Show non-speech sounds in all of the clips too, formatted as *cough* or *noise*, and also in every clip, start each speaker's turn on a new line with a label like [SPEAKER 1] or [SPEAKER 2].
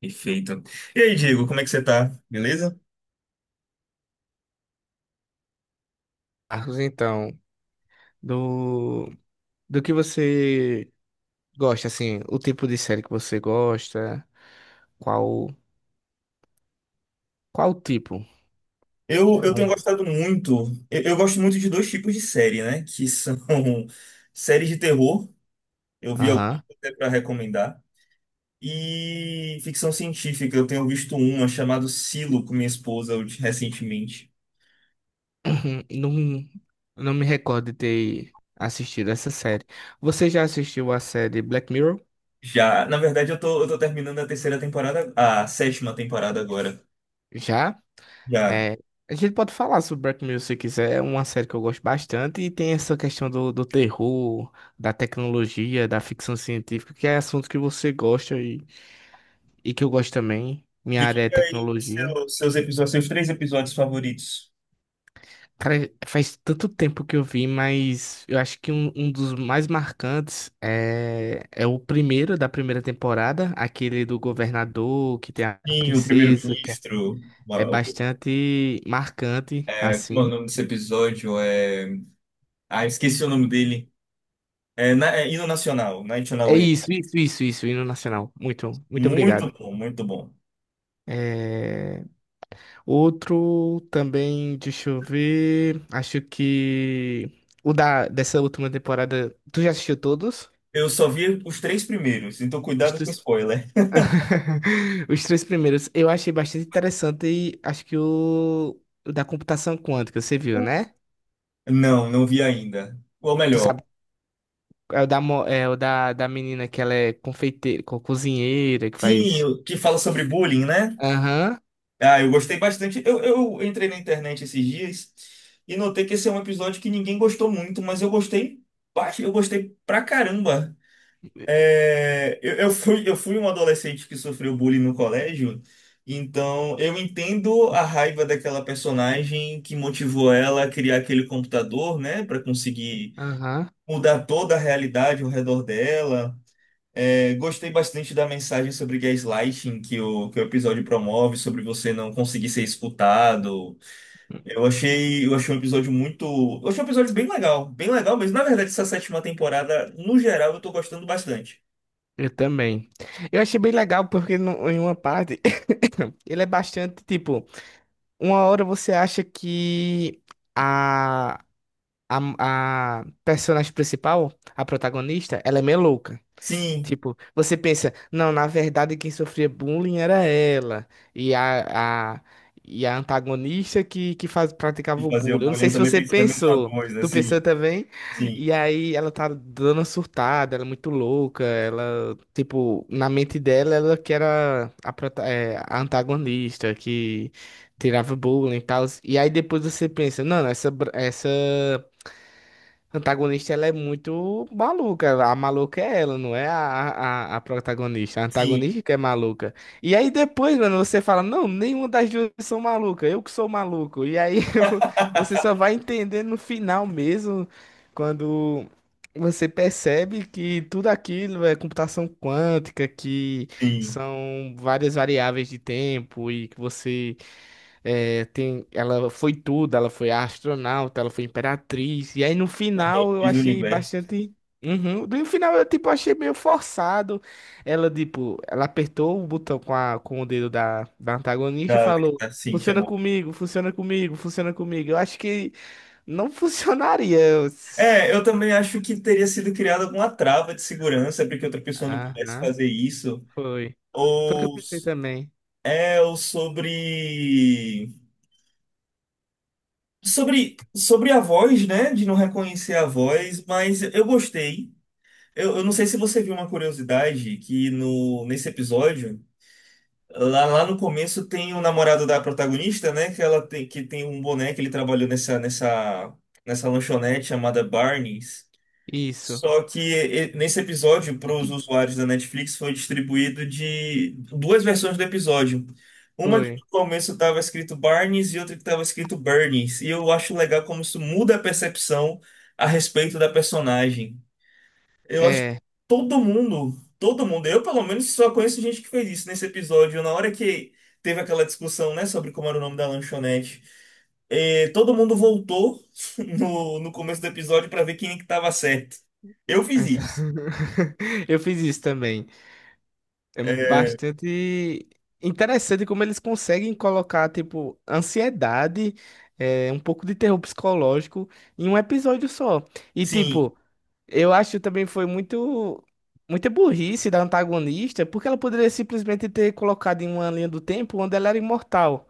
[SPEAKER 1] Perfeito. E aí, Diego, como é que você tá? Beleza?
[SPEAKER 2] Marcos, então, do, do que você gosta, assim, o tipo de série que você gosta, qual, qual tipo?
[SPEAKER 1] Eu tenho
[SPEAKER 2] Hum.
[SPEAKER 1] gostado muito. Eu gosto muito de dois tipos de série, né? Que são *laughs* séries de terror. Eu vi algumas
[SPEAKER 2] Aham.
[SPEAKER 1] até pra recomendar. E ficção científica. Eu tenho visto uma chamada Silo com minha esposa recentemente.
[SPEAKER 2] *clears throat* Não, não me recordo de ter assistido essa série. Você já assistiu a série Black Mirror?
[SPEAKER 1] Já, na verdade, eu tô terminando a terceira temporada, a sétima temporada agora.
[SPEAKER 2] Já?
[SPEAKER 1] Já.
[SPEAKER 2] É, a gente pode falar sobre Black Mirror se quiser, é uma série que eu gosto bastante e tem essa questão do terror, da tecnologia, da ficção científica, que é assunto que você gosta e que eu gosto também. Minha
[SPEAKER 1] Me
[SPEAKER 2] área é
[SPEAKER 1] diga aí
[SPEAKER 2] tecnologia.
[SPEAKER 1] seus episódios, seus três episódios favoritos.
[SPEAKER 2] Cara, faz tanto tempo que eu vi, mas eu acho que um dos mais marcantes é o primeiro da primeira temporada, aquele do governador, que tem a
[SPEAKER 1] Sim, o
[SPEAKER 2] princesa, que é
[SPEAKER 1] primeiro-ministro,
[SPEAKER 2] é bastante marcante,
[SPEAKER 1] o
[SPEAKER 2] assim.
[SPEAKER 1] nome desse episódio é. Ah, esqueci o nome dele. É, é Hino Nacional, National
[SPEAKER 2] É
[SPEAKER 1] Anthem.
[SPEAKER 2] isso, isso, isso, isso, hino nacional. Muito, muito
[SPEAKER 1] Muito
[SPEAKER 2] obrigado.
[SPEAKER 1] bom, muito bom.
[SPEAKER 2] É, outro também, deixa eu ver, acho que dessa última temporada, tu já assistiu todos?
[SPEAKER 1] Eu só vi os três primeiros, então
[SPEAKER 2] Os
[SPEAKER 1] cuidado com
[SPEAKER 2] três...
[SPEAKER 1] spoiler.
[SPEAKER 2] *laughs* Os três primeiros *laughs* eu achei bastante interessante e acho que o da computação quântica, você viu, né?
[SPEAKER 1] Não, não vi ainda. Ou
[SPEAKER 2] Tu
[SPEAKER 1] melhor,
[SPEAKER 2] sabe, é o da menina que ela é confeiteira, cozinheira, que
[SPEAKER 1] sim,
[SPEAKER 2] faz.
[SPEAKER 1] o que fala sobre bullying, né?
[SPEAKER 2] Aham,
[SPEAKER 1] Ah, eu gostei bastante. Eu entrei na internet esses dias e notei que esse é um episódio que ninguém gostou muito, mas eu gostei, eu gostei pra caramba. É, eu fui um adolescente que sofreu bullying no colégio, então eu entendo a raiva daquela personagem que motivou ela a criar aquele computador, né, para conseguir
[SPEAKER 2] aham.
[SPEAKER 1] mudar toda a realidade ao redor dela. É, gostei bastante da mensagem sobre gaslighting que o episódio promove, sobre você não conseguir ser escutado. Eu achei um episódio muito. Eu achei um episódio bem legal mesmo. Na verdade, essa sétima temporada, no geral, eu tô gostando bastante.
[SPEAKER 2] Eu também. Eu achei bem legal porque em uma parte *coughs* ele é bastante tipo, uma hora você acha que a, a personagem principal, a protagonista, ela é meio louca.
[SPEAKER 1] Sim,
[SPEAKER 2] Tipo, você pensa, não, na verdade quem sofria bullying era ela. E a, a, e a antagonista que praticava
[SPEAKER 1] de
[SPEAKER 2] o
[SPEAKER 1] fazer o
[SPEAKER 2] bullying. Eu não
[SPEAKER 1] bullying,
[SPEAKER 2] sei
[SPEAKER 1] eu
[SPEAKER 2] se
[SPEAKER 1] também
[SPEAKER 2] você
[SPEAKER 1] pensei a mesma
[SPEAKER 2] pensou.
[SPEAKER 1] coisa,
[SPEAKER 2] Tu pensou
[SPEAKER 1] assim,
[SPEAKER 2] também?
[SPEAKER 1] sim,
[SPEAKER 2] E aí ela tá dando uma surtada, ela é muito louca. Ela, tipo, na mente dela, ela que era a antagonista, que tirava bullying e tal. E aí depois você pensa, não, essa antagonista ela é muito maluca. A maluca é ela, não é a protagonista. A
[SPEAKER 1] sim,
[SPEAKER 2] antagonista que é maluca. E aí depois, mano, você fala, não, nenhuma das duas são maluca, eu que sou maluco. E aí *laughs* você só vai entender no final mesmo, quando você percebe que tudo aquilo é computação quântica, que
[SPEAKER 1] sim,
[SPEAKER 2] são várias variáveis de tempo e que ela foi tudo, ela foi astronauta, ela foi imperatriz. E aí no final eu
[SPEAKER 1] fiz no
[SPEAKER 2] achei
[SPEAKER 1] universo.
[SPEAKER 2] bastante. Uhum. No final eu tipo achei meio forçado. Ela tipo, ela apertou o botão com o dedo da antagonista e
[SPEAKER 1] Da,
[SPEAKER 2] falou:
[SPEAKER 1] sim,
[SPEAKER 2] "Funciona
[SPEAKER 1] chamou.
[SPEAKER 2] comigo, funciona comigo, funciona comigo". Eu acho que não *laughs* funcionaria.
[SPEAKER 1] É, eu também acho que teria sido criada alguma trava de segurança para que outra pessoa não pudesse
[SPEAKER 2] Aham,
[SPEAKER 1] fazer isso.
[SPEAKER 2] foi. Foi o que eu
[SPEAKER 1] Ou,
[SPEAKER 2] pensei também.
[SPEAKER 1] ou sobre a voz, né? De não reconhecer a voz, mas eu gostei. Eu não sei se você viu uma curiosidade que no, nesse episódio. Lá no começo tem o namorado da protagonista, né? Que ela tem, que tem um boneco, ele trabalhou nessa lanchonete chamada Barney's.
[SPEAKER 2] Isso,
[SPEAKER 1] Só que nesse episódio, para os usuários da Netflix, foi distribuído de duas versões do episódio. Uma que
[SPEAKER 2] foi.
[SPEAKER 1] no começo estava escrito Barney's e outra que estava escrito Bernie's. E eu acho legal como isso muda a percepção a respeito da personagem. Eu acho que
[SPEAKER 2] É.
[SPEAKER 1] todo mundo, todo mundo, eu pelo menos só conheço gente que fez isso nesse episódio. Na hora que teve aquela discussão, né, sobre como era o nome da lanchonete, todo mundo voltou *laughs* no começo do episódio para ver quem é que tava certo. Eu fiz
[SPEAKER 2] exa-
[SPEAKER 1] isso.
[SPEAKER 2] *laughs* Eu fiz isso também. É
[SPEAKER 1] É,
[SPEAKER 2] bastante interessante como eles conseguem colocar, tipo, ansiedade, um pouco de terror psicológico em um episódio só. E,
[SPEAKER 1] sim,
[SPEAKER 2] tipo, eu acho também foi muita burrice da antagonista, porque ela poderia simplesmente ter colocado em uma linha do tempo onde ela era imortal.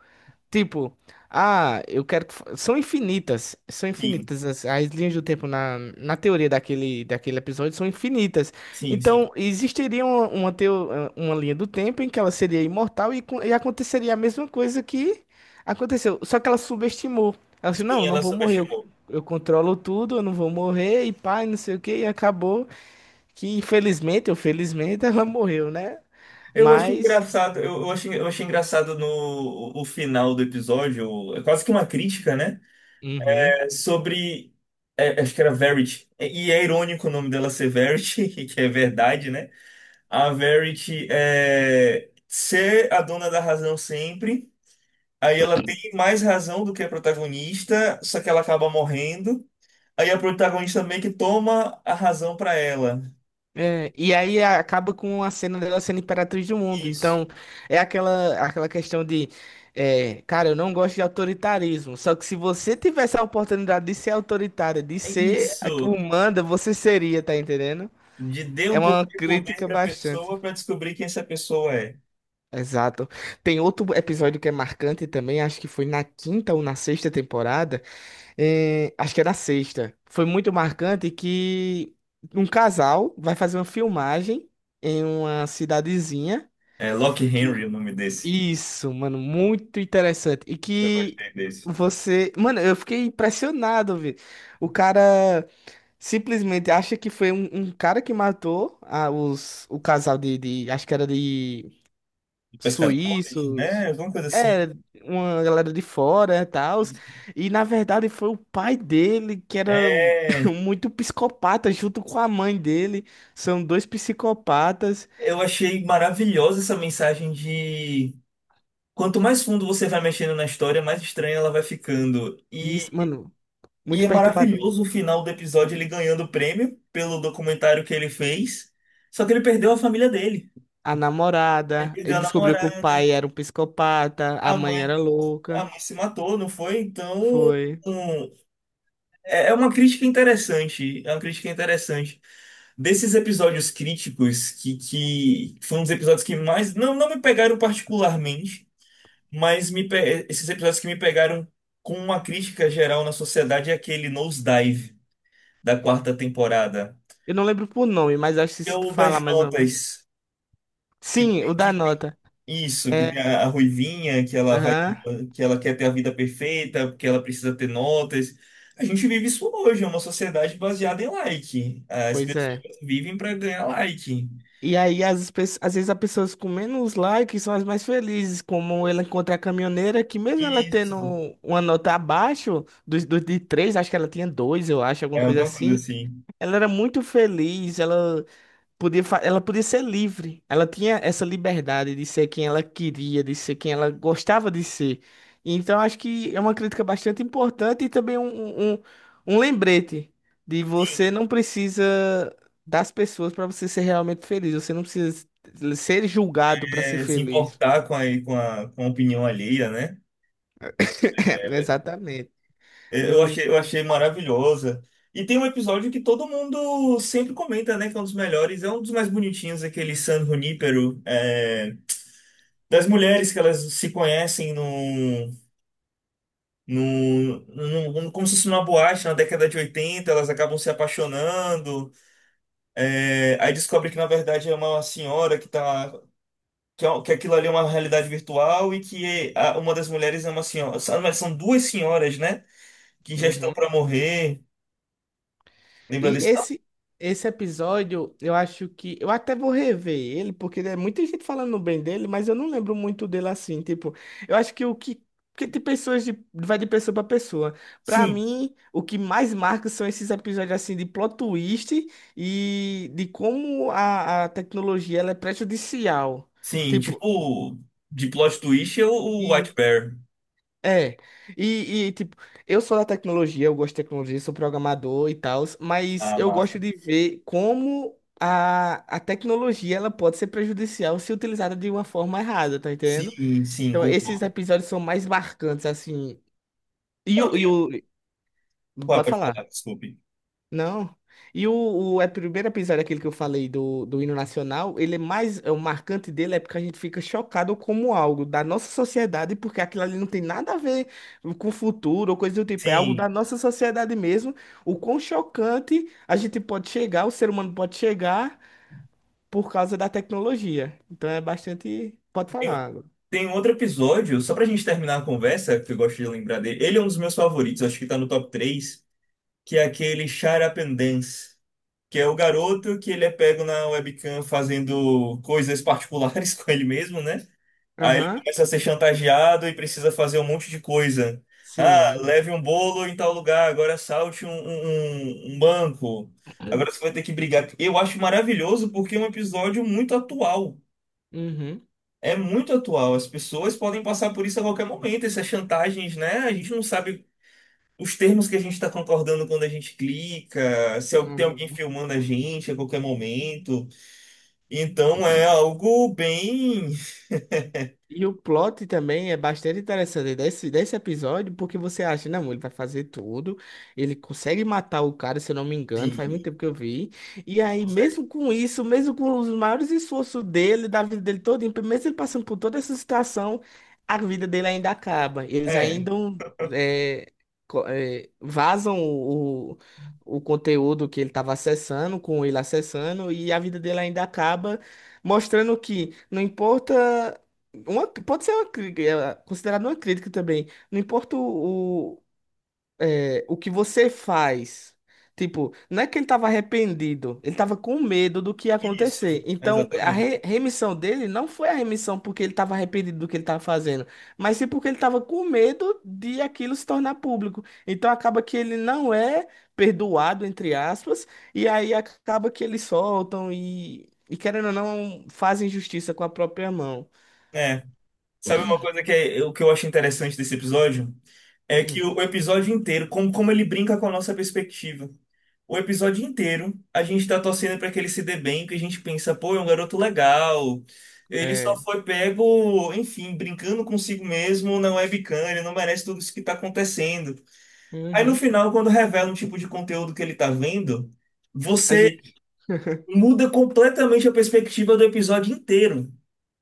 [SPEAKER 2] Tipo, ah, eu quero que. São infinitas. São
[SPEAKER 1] sim,
[SPEAKER 2] infinitas. As linhas do tempo na teoria daquele episódio são infinitas.
[SPEAKER 1] sim, sim.
[SPEAKER 2] Então, existiria uma linha do tempo em que ela seria imortal e aconteceria a mesma coisa que aconteceu. Só que ela subestimou. Ela disse: Não,
[SPEAKER 1] Sim,
[SPEAKER 2] não
[SPEAKER 1] ela
[SPEAKER 2] vou morrer. Eu,
[SPEAKER 1] subestimou.
[SPEAKER 2] eu controlo tudo, eu não vou morrer. E pá, e não sei o que. E acabou que, infelizmente ou felizmente, *laughs* ela morreu, né?
[SPEAKER 1] Eu achei
[SPEAKER 2] Mas.
[SPEAKER 1] engraçado, eu achei engraçado no o final do episódio, é quase que uma crítica, né?
[SPEAKER 2] Uhum.
[SPEAKER 1] Sobre. Acho que era Verity. E é irônico o nome dela ser Verity, *laughs* que é verdade, né? A Verity é ser a dona da razão sempre. Aí ela tem mais razão do que a protagonista, só que ela acaba morrendo. Aí a protagonista meio que toma a razão pra ela.
[SPEAKER 2] É, e aí acaba com a cena dela sendo imperatriz do mundo.
[SPEAKER 1] Isso.
[SPEAKER 2] Então, é aquela questão de, cara, eu não gosto de autoritarismo. Só que se você tivesse a oportunidade de ser autoritária, de
[SPEAKER 1] É
[SPEAKER 2] ser o
[SPEAKER 1] isso.
[SPEAKER 2] manda, você seria, tá entendendo?
[SPEAKER 1] De dar
[SPEAKER 2] É
[SPEAKER 1] um
[SPEAKER 2] uma
[SPEAKER 1] pouco de poder
[SPEAKER 2] crítica
[SPEAKER 1] pra
[SPEAKER 2] bastante.
[SPEAKER 1] pessoa pra descobrir quem essa pessoa é.
[SPEAKER 2] Exato. Tem outro episódio que é marcante também, acho que foi na quinta ou na sexta temporada acho que era sexta. Foi muito marcante que um casal vai fazer uma filmagem em uma cidadezinha.
[SPEAKER 1] É Locke
[SPEAKER 2] Que...
[SPEAKER 1] Henry o nome desse.
[SPEAKER 2] Isso, mano, muito interessante. E
[SPEAKER 1] Eu
[SPEAKER 2] que
[SPEAKER 1] gostei desse.
[SPEAKER 2] você. Mano, eu fiquei impressionado, velho. O cara simplesmente acha que foi um cara que matou o casal de. Acho que era de
[SPEAKER 1] Pescadores,
[SPEAKER 2] suíços,
[SPEAKER 1] né? Alguma coisa assim.
[SPEAKER 2] é, uma galera de fora e tal. E na verdade foi o pai dele que era *laughs*
[SPEAKER 1] É,
[SPEAKER 2] muito psicopata, junto com a mãe dele. São dois psicopatas.
[SPEAKER 1] eu achei maravilhosa essa mensagem de quanto mais fundo você vai mexendo na história, mais estranha ela vai ficando.
[SPEAKER 2] E isso,
[SPEAKER 1] E,
[SPEAKER 2] mano,
[SPEAKER 1] e
[SPEAKER 2] muito
[SPEAKER 1] é
[SPEAKER 2] perturbador.
[SPEAKER 1] maravilhoso o final do episódio ele ganhando o prêmio pelo documentário que ele fez. Só que ele perdeu a família dele.
[SPEAKER 2] A
[SPEAKER 1] Ele
[SPEAKER 2] namorada,
[SPEAKER 1] perdeu
[SPEAKER 2] ele
[SPEAKER 1] a
[SPEAKER 2] descobriu que o
[SPEAKER 1] namorada,
[SPEAKER 2] pai era um psicopata, a
[SPEAKER 1] a
[SPEAKER 2] mãe
[SPEAKER 1] mãe,
[SPEAKER 2] era
[SPEAKER 1] a
[SPEAKER 2] louca.
[SPEAKER 1] mãe se matou, não foi? Então,
[SPEAKER 2] Foi.
[SPEAKER 1] um, é uma crítica interessante, é uma crítica interessante. Desses episódios críticos, que foram os episódios que mais. Não, não me pegaram particularmente, mas esses episódios que me pegaram com uma crítica geral na sociedade é aquele Nosedive da quarta temporada.
[SPEAKER 2] Eu não lembro por nome, mas acho que
[SPEAKER 1] Que é
[SPEAKER 2] se tu
[SPEAKER 1] o
[SPEAKER 2] falar
[SPEAKER 1] das
[SPEAKER 2] mais ou menos.
[SPEAKER 1] notas, que,
[SPEAKER 2] Sim, o da
[SPEAKER 1] que
[SPEAKER 2] nota.
[SPEAKER 1] Isso, que
[SPEAKER 2] É,
[SPEAKER 1] tem a Ruivinha, que ela vai,
[SPEAKER 2] aham,
[SPEAKER 1] que ela quer ter a vida perfeita, porque ela precisa ter notas. A gente vive isso hoje, é uma sociedade baseada em like. As
[SPEAKER 2] pois
[SPEAKER 1] pessoas
[SPEAKER 2] é.
[SPEAKER 1] vivem para ganhar like.
[SPEAKER 2] E aí, às vezes, as pessoas com menos likes são as mais felizes, como ela encontra a caminhoneira, que mesmo ela tendo
[SPEAKER 1] Isso,
[SPEAKER 2] uma nota abaixo dos de três, acho que ela tinha dois, eu acho, alguma
[SPEAKER 1] é
[SPEAKER 2] coisa
[SPEAKER 1] alguma coisa
[SPEAKER 2] assim,
[SPEAKER 1] assim.
[SPEAKER 2] ela era muito feliz, ela podia ser livre. Ela tinha essa liberdade de ser quem ela queria, de ser quem ela gostava de ser. Então, acho que é uma crítica bastante importante e também um lembrete de
[SPEAKER 1] Sim,
[SPEAKER 2] você não precisa das pessoas para você ser realmente feliz. Você não precisa ser julgado para ser
[SPEAKER 1] se
[SPEAKER 2] feliz.
[SPEAKER 1] importar com a opinião alheia, né?
[SPEAKER 2] *laughs* Exatamente.
[SPEAKER 1] É, Eu
[SPEAKER 2] Hum,
[SPEAKER 1] achei, eu achei maravilhosa. E tem um episódio que todo mundo sempre comenta, né? Que é um dos melhores, é um dos mais bonitinhos, aquele San Junípero, das mulheres que elas se conhecem num como se fosse numa boate na década de 80, elas acabam se apaixonando, aí descobre que na verdade é uma senhora que tá, que aquilo ali é uma realidade virtual e que uma das mulheres é uma senhora, são mas são duas senhoras, né, que já estão
[SPEAKER 2] uhum.
[SPEAKER 1] pra morrer, lembra
[SPEAKER 2] E
[SPEAKER 1] desse? Ah,
[SPEAKER 2] esse episódio, eu acho que. Eu até vou rever ele, porque é muita gente falando bem dele, mas eu não lembro muito dele assim. Tipo, eu acho que o que. Porque tem pessoas de. Vai de pessoa. Pra
[SPEAKER 1] sim,
[SPEAKER 2] mim, o que mais marca são esses episódios assim de plot twist e de como a tecnologia ela é prejudicial.
[SPEAKER 1] sim,
[SPEAKER 2] Tipo.
[SPEAKER 1] tipo, de plot twist é o White Bear,
[SPEAKER 2] É, tipo, eu sou da tecnologia, eu gosto de tecnologia, sou programador e tal, mas
[SPEAKER 1] a
[SPEAKER 2] eu gosto
[SPEAKER 1] massa.
[SPEAKER 2] de ver como a tecnologia ela pode ser prejudicial se utilizada de uma forma errada, tá entendendo?
[SPEAKER 1] Sim, sim,
[SPEAKER 2] Então, esses
[SPEAKER 1] concordo.
[SPEAKER 2] episódios são mais marcantes, assim. E
[SPEAKER 1] Não,
[SPEAKER 2] o, e
[SPEAKER 1] tem,
[SPEAKER 2] o...
[SPEAKER 1] pode
[SPEAKER 2] Pode
[SPEAKER 1] pode falar,
[SPEAKER 2] falar.
[SPEAKER 1] desculpe.
[SPEAKER 2] Não. E o primeiro episódio, aquele que eu falei do hino nacional, ele é mais. O marcante dele é porque a gente fica chocado como algo da nossa sociedade, porque aquilo ali não tem nada a ver com o futuro ou coisa do tipo, é algo
[SPEAKER 1] Sim.
[SPEAKER 2] da nossa sociedade mesmo. O quão chocante a gente pode chegar, o ser humano pode chegar por causa da tecnologia. Então é bastante. Pode falar. Ágora.
[SPEAKER 1] Tem um outro episódio, só pra gente terminar a conversa, que eu gosto de lembrar dele. Ele é um dos meus favoritos, acho que tá no top 3, que é aquele Shut Up and Dance, que é o garoto que ele é pego na webcam fazendo coisas particulares *laughs* com ele mesmo, né? Aí ele
[SPEAKER 2] Aham.
[SPEAKER 1] começa a ser chantageado e precisa fazer um monte de coisa.
[SPEAKER 2] Sim.
[SPEAKER 1] Ah,
[SPEAKER 2] mu-
[SPEAKER 1] leve um bolo em tal lugar, agora salte um, um banco. Agora você vai ter que brigar. Eu acho maravilhoso porque é um episódio muito atual.
[SPEAKER 2] Uhum.
[SPEAKER 1] É muito atual. As pessoas podem passar por isso a qualquer momento, essas chantagens, né? A gente não sabe os termos que a gente está concordando quando a gente clica, se tem alguém
[SPEAKER 2] Uhum.
[SPEAKER 1] filmando a gente a qualquer momento. Então é algo bem.
[SPEAKER 2] E o plot também é bastante interessante desse episódio, porque você acha, não, ele vai fazer tudo, ele consegue matar o cara, se eu não me engano, faz muito
[SPEAKER 1] Sim,
[SPEAKER 2] tempo que eu vi. E
[SPEAKER 1] que
[SPEAKER 2] aí,
[SPEAKER 1] consegue.
[SPEAKER 2] mesmo com isso, mesmo com os maiores esforços dele, da vida dele toda, mesmo ele passando por toda essa situação, a vida dele ainda acaba. Eles
[SPEAKER 1] É,
[SPEAKER 2] ainda é, vazam o conteúdo que ele estava acessando, com ele acessando, e a vida dele ainda acaba, mostrando que não importa. Uma, pode ser uma, considerado uma crítica também. Não importa o que você faz. Tipo, não é que ele estava arrependido, ele estava com medo do que ia
[SPEAKER 1] isso,
[SPEAKER 2] acontecer. Então, a
[SPEAKER 1] exatamente.
[SPEAKER 2] re- remissão dele não foi a remissão porque ele estava arrependido do que ele estava fazendo, mas sim porque ele estava com medo de aquilo se tornar público. Então, acaba que ele não é perdoado, entre aspas, e aí acaba que eles soltam e, querendo ou não, fazem justiça com a própria mão.
[SPEAKER 1] É. Sabe uma coisa que, o que eu acho interessante desse episódio? É que
[SPEAKER 2] Hum,
[SPEAKER 1] o episódio inteiro, como ele brinca com a nossa perspectiva. O episódio inteiro, a gente tá torcendo pra que ele se dê bem, que a gente pensa, pô, é um garoto legal. Ele só
[SPEAKER 2] é.
[SPEAKER 1] foi pego, enfim, brincando consigo mesmo, não é bicana, ele não merece tudo isso que tá acontecendo. Aí no
[SPEAKER 2] Uhum.
[SPEAKER 1] final, quando revela um tipo de conteúdo que ele tá vendo,
[SPEAKER 2] A
[SPEAKER 1] você
[SPEAKER 2] gente... *laughs*
[SPEAKER 1] muda completamente a perspectiva do episódio inteiro.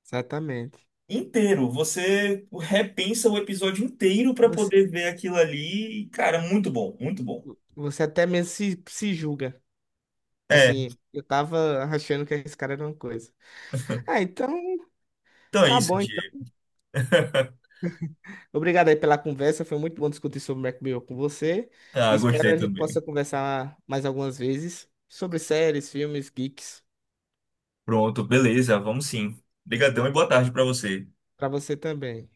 [SPEAKER 2] Exatamente.
[SPEAKER 1] Inteiro. Você repensa o episódio inteiro pra
[SPEAKER 2] Você,
[SPEAKER 1] poder ver aquilo ali. E, cara, muito bom, muito bom.
[SPEAKER 2] você até mesmo se julga.
[SPEAKER 1] É,
[SPEAKER 2] Assim, eu tava achando que esse cara era uma coisa. Ah, então
[SPEAKER 1] então é
[SPEAKER 2] tá
[SPEAKER 1] isso,
[SPEAKER 2] bom então.
[SPEAKER 1] Diego. *laughs*
[SPEAKER 2] Obrigado aí pela conversa. Foi muito bom discutir sobre Black Mirror com você.
[SPEAKER 1] Ah,
[SPEAKER 2] Espero
[SPEAKER 1] gostei
[SPEAKER 2] a gente
[SPEAKER 1] também.
[SPEAKER 2] possa conversar mais algumas vezes sobre séries, filmes, geeks.
[SPEAKER 1] Pronto, beleza, vamos sim. Obrigadão e boa tarde pra você.
[SPEAKER 2] Pra você também.